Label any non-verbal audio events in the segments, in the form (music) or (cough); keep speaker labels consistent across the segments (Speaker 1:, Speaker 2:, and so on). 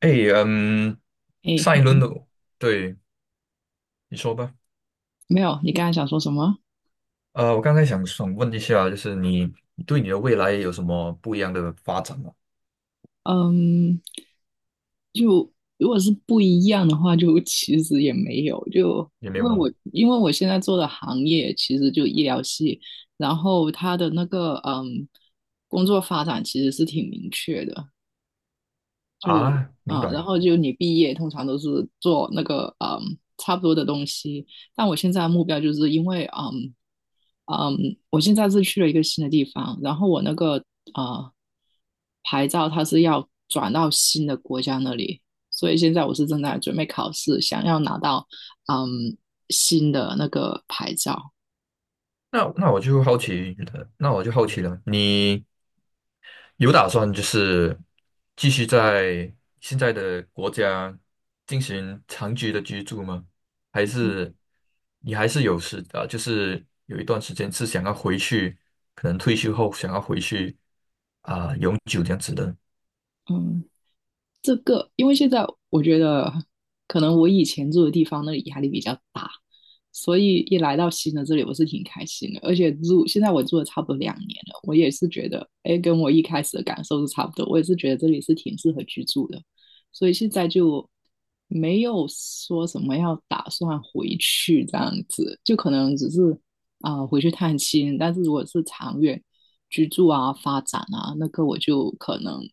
Speaker 1: 哎，嗯，
Speaker 2: 诶，
Speaker 1: 上一轮的，对，你说吧。
Speaker 2: 没有，你刚才想说什么？
Speaker 1: 我刚才想问一下，就是你对你的未来有什么不一样的发展吗？
Speaker 2: 嗯，就如果是不一样的话，就 (laughs) 其实也没有，就
Speaker 1: 也没
Speaker 2: 因
Speaker 1: 有
Speaker 2: 为
Speaker 1: 吗？
Speaker 2: 我因为我现在做的行业其实就医疗系，然后他的那个工作发展其实是挺明确的，就
Speaker 1: 啊，明
Speaker 2: 然
Speaker 1: 白。
Speaker 2: 后就你毕业通常都是做那个差不多的东西，但我现在的目标就是因为我现在是去了一个新的地方，然后我那个呃牌照它是要转到新的国家那里，所以现在我是正在准备考试，想要拿到嗯新的那个牌照。
Speaker 1: 那我就好奇了，你有打算就是继续在现在的国家进行长期的居住吗？还是你还是有时啊，就是有一段时间是想要回去，可能退休后想要回去啊，永久这样子的？
Speaker 2: 嗯。这个，因为现在我觉得可能我以前住的地方那里压力比较大，所以一来到新的这里，我是挺开心的。而且现在我住了差不多2年了，我也是觉得，哎，跟我一开始的感受是差不多。我也是觉得这里是挺适合居住的，所以现在就没有说什么要打算回去这样子，就可能只是回去探亲。但是如果是长远，居住啊、发展啊，那个我就可能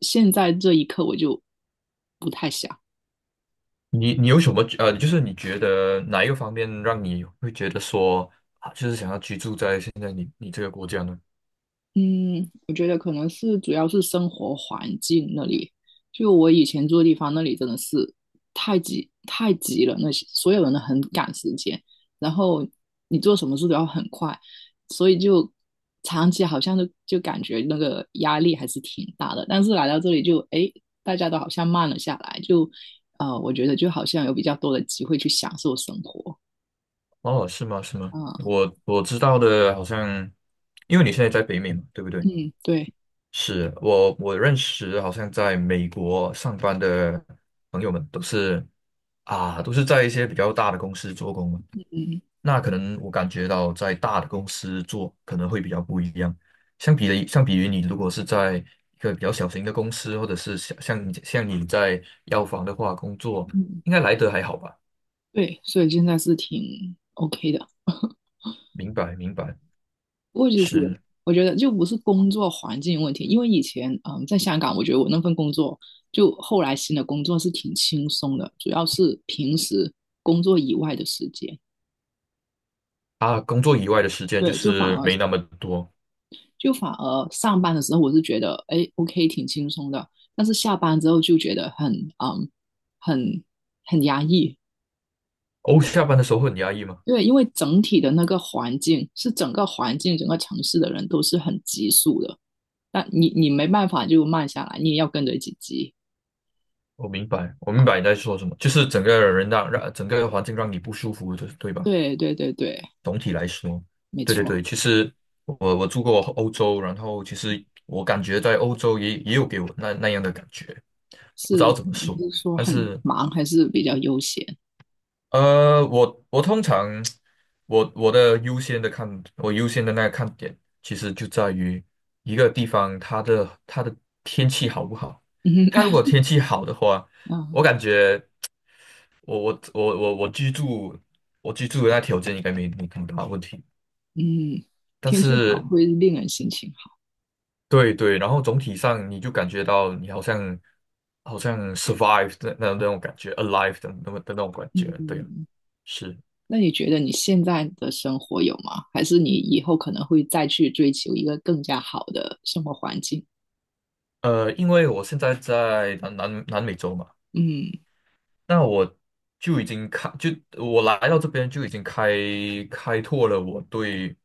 Speaker 2: 现在这一刻我就不太想。
Speaker 1: 你有什么就是你觉得哪一个方面让你会觉得说啊，就是想要居住在现在你这个国家呢？
Speaker 2: 嗯，我觉得可能是主要是生活环境那里，就我以前住的地方那里真的是太挤太挤了，那些所有人都很赶时间，然后你做什么事都要很快，所以就长期好像就感觉那个压力还是挺大的。但是来到这里就大家都好像慢了下来，就我觉得就好像有比较多的机会去享受生活。
Speaker 1: 哦，是吗？是吗？
Speaker 2: 啊，
Speaker 1: 我知道的，好像因为你现在在北美嘛，对不对？
Speaker 2: 嗯，对，
Speaker 1: 是我认识，好像在美国上班的朋友们都是在一些比较大的公司做工嘛。
Speaker 2: 嗯
Speaker 1: 那可能我感觉到在大的公司做可能会比较不一样。相比于你如果是在一个比较小型的公司，或者是像你在药房的话工作，
Speaker 2: 嗯，
Speaker 1: 应该来得还好吧？
Speaker 2: 对，所以现在是挺 OK 的。
Speaker 1: 明白，明白，
Speaker 2: 我也是，
Speaker 1: 是。
Speaker 2: 我觉得就不是工作环境问题，因为以前在香港，我觉得我那份工作就后来新的工作是挺轻松的，主要是平时工作以外的时间，
Speaker 1: 啊，工作以外的时间就
Speaker 2: 对，就反
Speaker 1: 是
Speaker 2: 而
Speaker 1: 没那么多。
Speaker 2: 就反而上班的时候我是觉得哎 OK 挺轻松的，但是下班之后就觉得很嗯很很压抑，
Speaker 1: 哦，下班的时候会很压抑吗？
Speaker 2: 对，因为整体的那个环境是整个环境整个城市的人都是很急速的，但你没办法就慢下来，你也要跟着一起急。
Speaker 1: 我明白，我明
Speaker 2: 啊，
Speaker 1: 白你在说什么，就是整个人让整个环境让你不舒服的，对吧？
Speaker 2: 对对对对，
Speaker 1: 总体来说，
Speaker 2: 没
Speaker 1: 对对
Speaker 2: 错，
Speaker 1: 对，其实我住过欧洲，然后其实我感觉在欧洲也有给我那样的感觉，不知道
Speaker 2: 是
Speaker 1: 怎么
Speaker 2: 你
Speaker 1: 说，
Speaker 2: 是说
Speaker 1: 但
Speaker 2: 很
Speaker 1: 是
Speaker 2: 忙还是比较悠闲？
Speaker 1: 我通常我优先的那个看点，其实就在于一个地方它的天气好不好。
Speaker 2: (laughs)
Speaker 1: 它如果
Speaker 2: 嗯
Speaker 1: 天气好的话，
Speaker 2: 啊
Speaker 1: 我感觉我我我我我居住我居住的那条件应该没么大问题。
Speaker 2: 嗯，
Speaker 1: 但
Speaker 2: 天气好
Speaker 1: 是
Speaker 2: 会令人心情好。
Speaker 1: 对对，然后总体上你就感觉到你好像 survive 的那种感觉，alive 的那么的那种感觉，对啊
Speaker 2: 嗯，
Speaker 1: 是。
Speaker 2: 那你觉得你现在的生活有吗？还是你以后可能会再去追求一个更加好的生活环境？
Speaker 1: 因为我现在在南美洲嘛，
Speaker 2: 嗯
Speaker 1: 那就已经开，就我来到这边就已经开拓了我对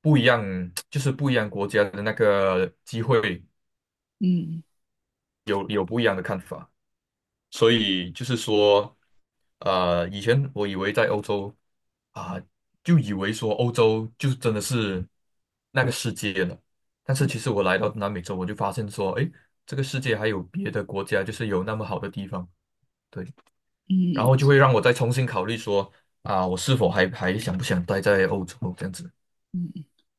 Speaker 1: 不一样，就是不一样国家的那个机会
Speaker 2: 嗯
Speaker 1: 有不一样的看法，所以就是说，以前我以为在欧洲啊，就以为说欧洲就真的是那个世界了，但是其实我来到南美洲，我就发现说，诶，这个世界还有别的国家，就是有那么好的地方。对。然
Speaker 2: 嗯
Speaker 1: 后就会让我再重新考虑说啊，我是否还想不想待在欧洲这样子？
Speaker 2: 嗯，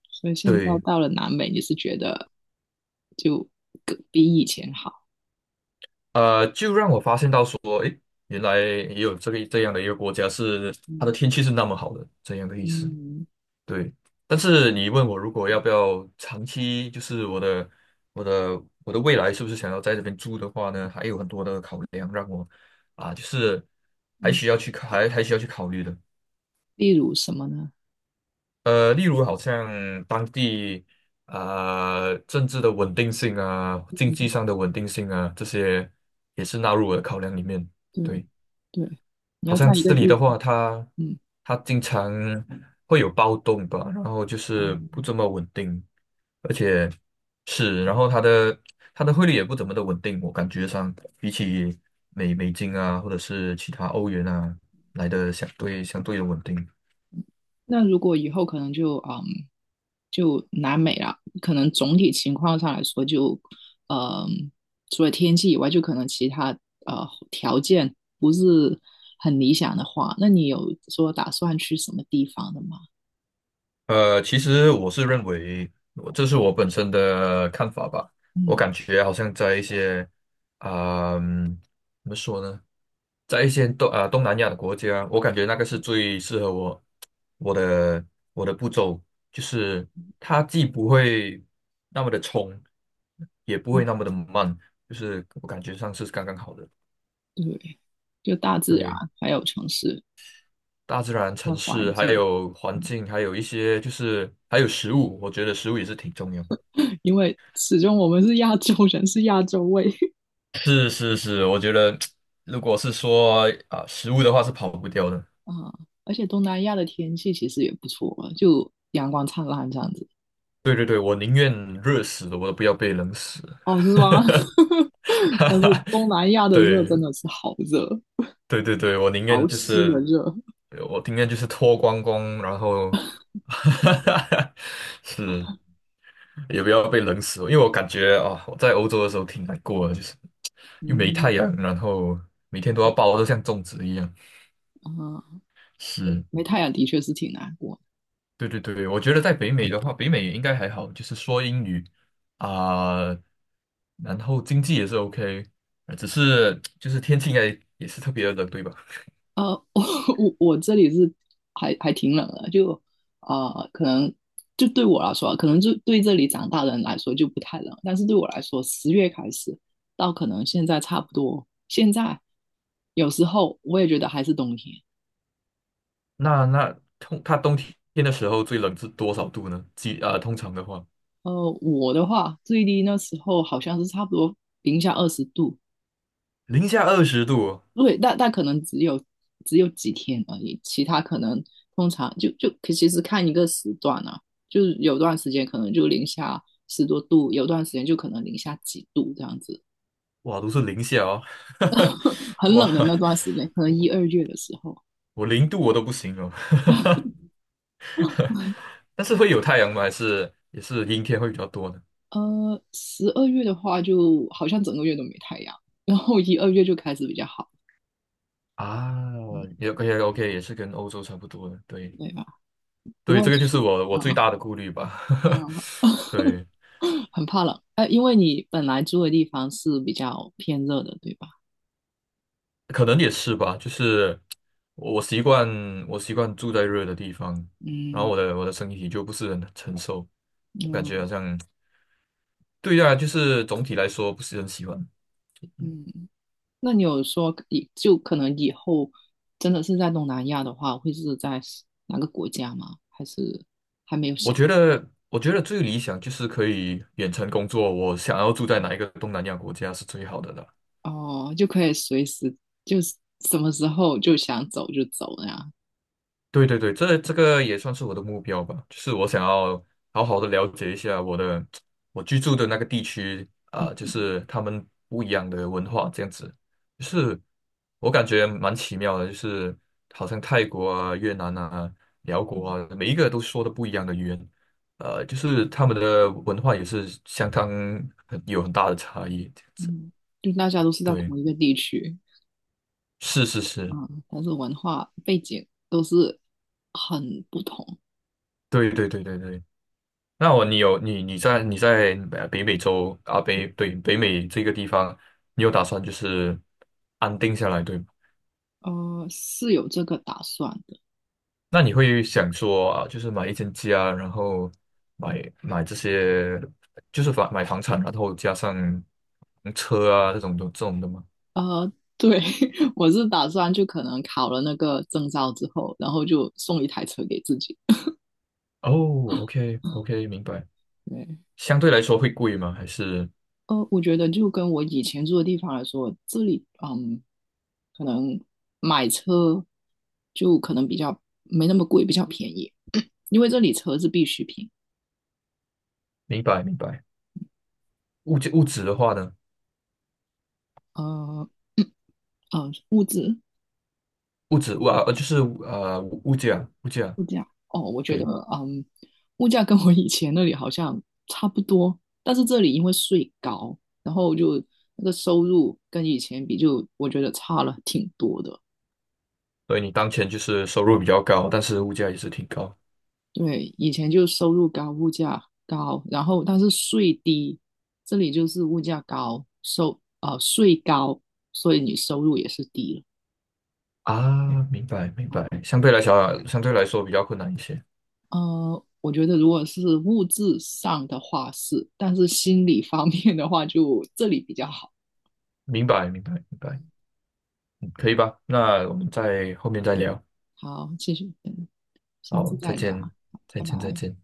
Speaker 2: 所以现在
Speaker 1: 对，
Speaker 2: 到了南美，你是觉得就更比以前好？
Speaker 1: 就让我发现到说，原来也有这样的一个国家是它的
Speaker 2: 嗯
Speaker 1: 天气是那么好的，这样的意思。
Speaker 2: 嗯
Speaker 1: 对，但是你问我如果要不要长期，就是我的未来是不是想要在这边住的话呢？还有很多的考量让我啊，就是还
Speaker 2: 嗯，
Speaker 1: 需要去还还需要去考虑的。
Speaker 2: 例如什么呢？
Speaker 1: 例如好像当地啊、政治的稳定性啊，经济
Speaker 2: 嗯
Speaker 1: 上的稳定性啊，这些也是纳入我的考量里面。
Speaker 2: 对
Speaker 1: 对，
Speaker 2: 对，你
Speaker 1: 好
Speaker 2: 要
Speaker 1: 像
Speaker 2: 在一个
Speaker 1: 这里的
Speaker 2: 地，
Speaker 1: 话，它
Speaker 2: 嗯，
Speaker 1: 它经常会有暴动吧，然后就是不这么稳定，而且是，然后它的汇率也不怎么的稳定，我感觉上比起美金啊，或者是其他欧元啊来的相对的稳定。
Speaker 2: 那如果以后可能就就南美了，可能总体情况上来说就，嗯，除了天气以外，就可能其他呃条件不是很理想的话，那你有说打算去什么地方的吗？
Speaker 1: 其实我是认为，我这是我本身的看法吧。我
Speaker 2: 嗯
Speaker 1: 感觉好像在一些啊，怎么说呢，在一些东南亚的国家，我感觉那个是最适合我的我的步骤，就是它既不会那么的冲，也不会
Speaker 2: 嗯，
Speaker 1: 那么的慢，就是我感觉上是刚刚好的。
Speaker 2: 对，就大自然
Speaker 1: 对，
Speaker 2: 还有城市
Speaker 1: 大自然、
Speaker 2: 的
Speaker 1: 城
Speaker 2: 环
Speaker 1: 市，还
Speaker 2: 境，
Speaker 1: 有环
Speaker 2: 嗯
Speaker 1: 境，还有一些就是还有食物，我觉得食物也是挺重要的。
Speaker 2: 因为始终我们是亚洲人，是亚洲胃。
Speaker 1: 是是是，我觉得如果是说啊、食物的话是跑不掉的。
Speaker 2: 啊，而且东南亚的天气其实也不错啊，就阳光灿烂这样子。
Speaker 1: 对对对，我宁愿热死了我都不要被冷死。
Speaker 2: 哦，是吗？(laughs)
Speaker 1: (laughs) 哈
Speaker 2: 但是
Speaker 1: 哈，
Speaker 2: 东南亚的热真
Speaker 1: 对
Speaker 2: 的是好热，
Speaker 1: 对对对，我宁愿
Speaker 2: 潮
Speaker 1: 就
Speaker 2: 湿的
Speaker 1: 是，
Speaker 2: 热。
Speaker 1: 我宁愿就是脱光光，然后 (laughs)，哈哈，是也不要被冷死，因为我感觉啊，我在欧洲的时候挺难过的，就是又没太阳，
Speaker 2: 嗯
Speaker 1: 然后每天都要抱得像粽子一样。
Speaker 2: 啊，
Speaker 1: 是，
Speaker 2: 没太阳的确是挺难过。
Speaker 1: 对对对，我觉得在北美的话，北美应该还好，就是说英语啊、然后经济也是 OK，只是就是天气应该也是特别的冷，对吧？
Speaker 2: 呃，(laughs) 我我这里是还挺冷的，就可能就对我来说啊，可能就对这里长大的人来说就不太冷，但是对我来说，10月开始到可能现在差不多，现在有时候我也觉得还是冬天。
Speaker 1: 那它冬天的时候最冷是多少度呢？几啊、通常的话，
Speaker 2: 我的话最低那时候好像是差不多-20度，
Speaker 1: 零下20度哦，
Speaker 2: 对，但可能只有几天而已，其他可能通常就其实看一个时段啊，就是有段时间可能就零下十多度，有段时间就可能零下几度这样子，
Speaker 1: 哇，都是零下哦，(laughs)
Speaker 2: 很
Speaker 1: 哇，
Speaker 2: 冷的那段时间，可能一
Speaker 1: 我
Speaker 2: 二月的时候，
Speaker 1: 我0度我都不行哦，(laughs) 但是会有太阳吗？还是也是阴天会比较多呢？
Speaker 2: 12月的话就好像整个月都没太阳，然后一二月就开始比较好，
Speaker 1: 啊，
Speaker 2: 嗯，
Speaker 1: 也 OK OK，也是跟欧洲差不多的，对。
Speaker 2: 对吧？不
Speaker 1: 对，
Speaker 2: 过
Speaker 1: 这个就是
Speaker 2: 暑
Speaker 1: 我
Speaker 2: 啊
Speaker 1: 最大的顾虑吧。
Speaker 2: 啊。
Speaker 1: (laughs) 对，
Speaker 2: (laughs) 很怕冷，哎，因为你本来住的地方是比较偏热的，对吧？
Speaker 1: 可能也是吧，就是我习惯我习惯住在热的地方，然后我
Speaker 2: 嗯
Speaker 1: 的我的身体就不是很承受，我感觉好
Speaker 2: 嗯
Speaker 1: 像对啊，就是总体来说不是很喜欢。
Speaker 2: 嗯，那你有说就可能以后真的是在东南亚的话，会是在哪个国家吗？还是还没有
Speaker 1: 我
Speaker 2: 想？
Speaker 1: 觉得，我觉得最理想就是可以远程工作。我想要住在哪一个东南亚国家是最好的了。
Speaker 2: 哦，就可以随时就是什么时候就想走就走那样。
Speaker 1: 对对对，这个也算是我的目标吧，就是我想
Speaker 2: 啊
Speaker 1: 要好好的了解一下我居住的那个地区啊，就
Speaker 2: 嗯
Speaker 1: 是他们不一样的文化这样子，就是我感觉蛮奇妙的，就是好像泰国啊、越南啊、辽国
Speaker 2: 嗯
Speaker 1: 啊，每一个都说的不一样的语言，就是他们的文化也是相当很有很大的差异。
Speaker 2: 嗯，就大家都是在
Speaker 1: 对，
Speaker 2: 同一个地区，
Speaker 1: 是是是，
Speaker 2: 啊，但是文化背景都是很不同。
Speaker 1: 对对对对对。你在，北美洲啊北对，北美这个地方，你有打算就是安定下来对吗？
Speaker 2: 是有这个打算的。
Speaker 1: 那你会想说啊，就是买一间家，然后买这些就是买房产，然后加上车啊这种的吗？
Speaker 2: 呃，对，(laughs) 我是打算就可能考了那个证照之后，然后就送一台车给自己。
Speaker 1: 哦，OK OK，明白。
Speaker 2: 对，
Speaker 1: 相对来说会贵吗？还是
Speaker 2: 我觉得就跟我以前住的地方来说，这里可能买车就可能比较没那么贵，比较便宜，(coughs) (clears throat) 因为这里车是必需品。
Speaker 1: 明白明白。物质的话呢？
Speaker 2: 呃呃，物资
Speaker 1: 物质物啊就是物价
Speaker 2: 物价哦，我觉得
Speaker 1: 对。
Speaker 2: 嗯，物价跟我以前那里好像差不多，但是这里因为税高，然后就那个收入跟以前比就，我觉得差了挺多的。
Speaker 1: 所以你当前就是收入比较高，但是物价也是挺高
Speaker 2: 对，以前就收入高，物价高，然后但是税低，这里就是物价高，税高，所以你收入也是低了。
Speaker 1: 啊。明白，明
Speaker 2: 啊
Speaker 1: 白。相对来说比较困难一些。
Speaker 2: 我觉得如果是物质上的话是，但是心理方面的话就这里比较好。
Speaker 1: 明白，明白，明白。嗯，可以吧？那我们在后面再聊。
Speaker 2: 好，谢谢，下
Speaker 1: 好，
Speaker 2: 次再
Speaker 1: 再见，
Speaker 2: 聊，
Speaker 1: 再
Speaker 2: 拜
Speaker 1: 见，再
Speaker 2: 拜。
Speaker 1: 见。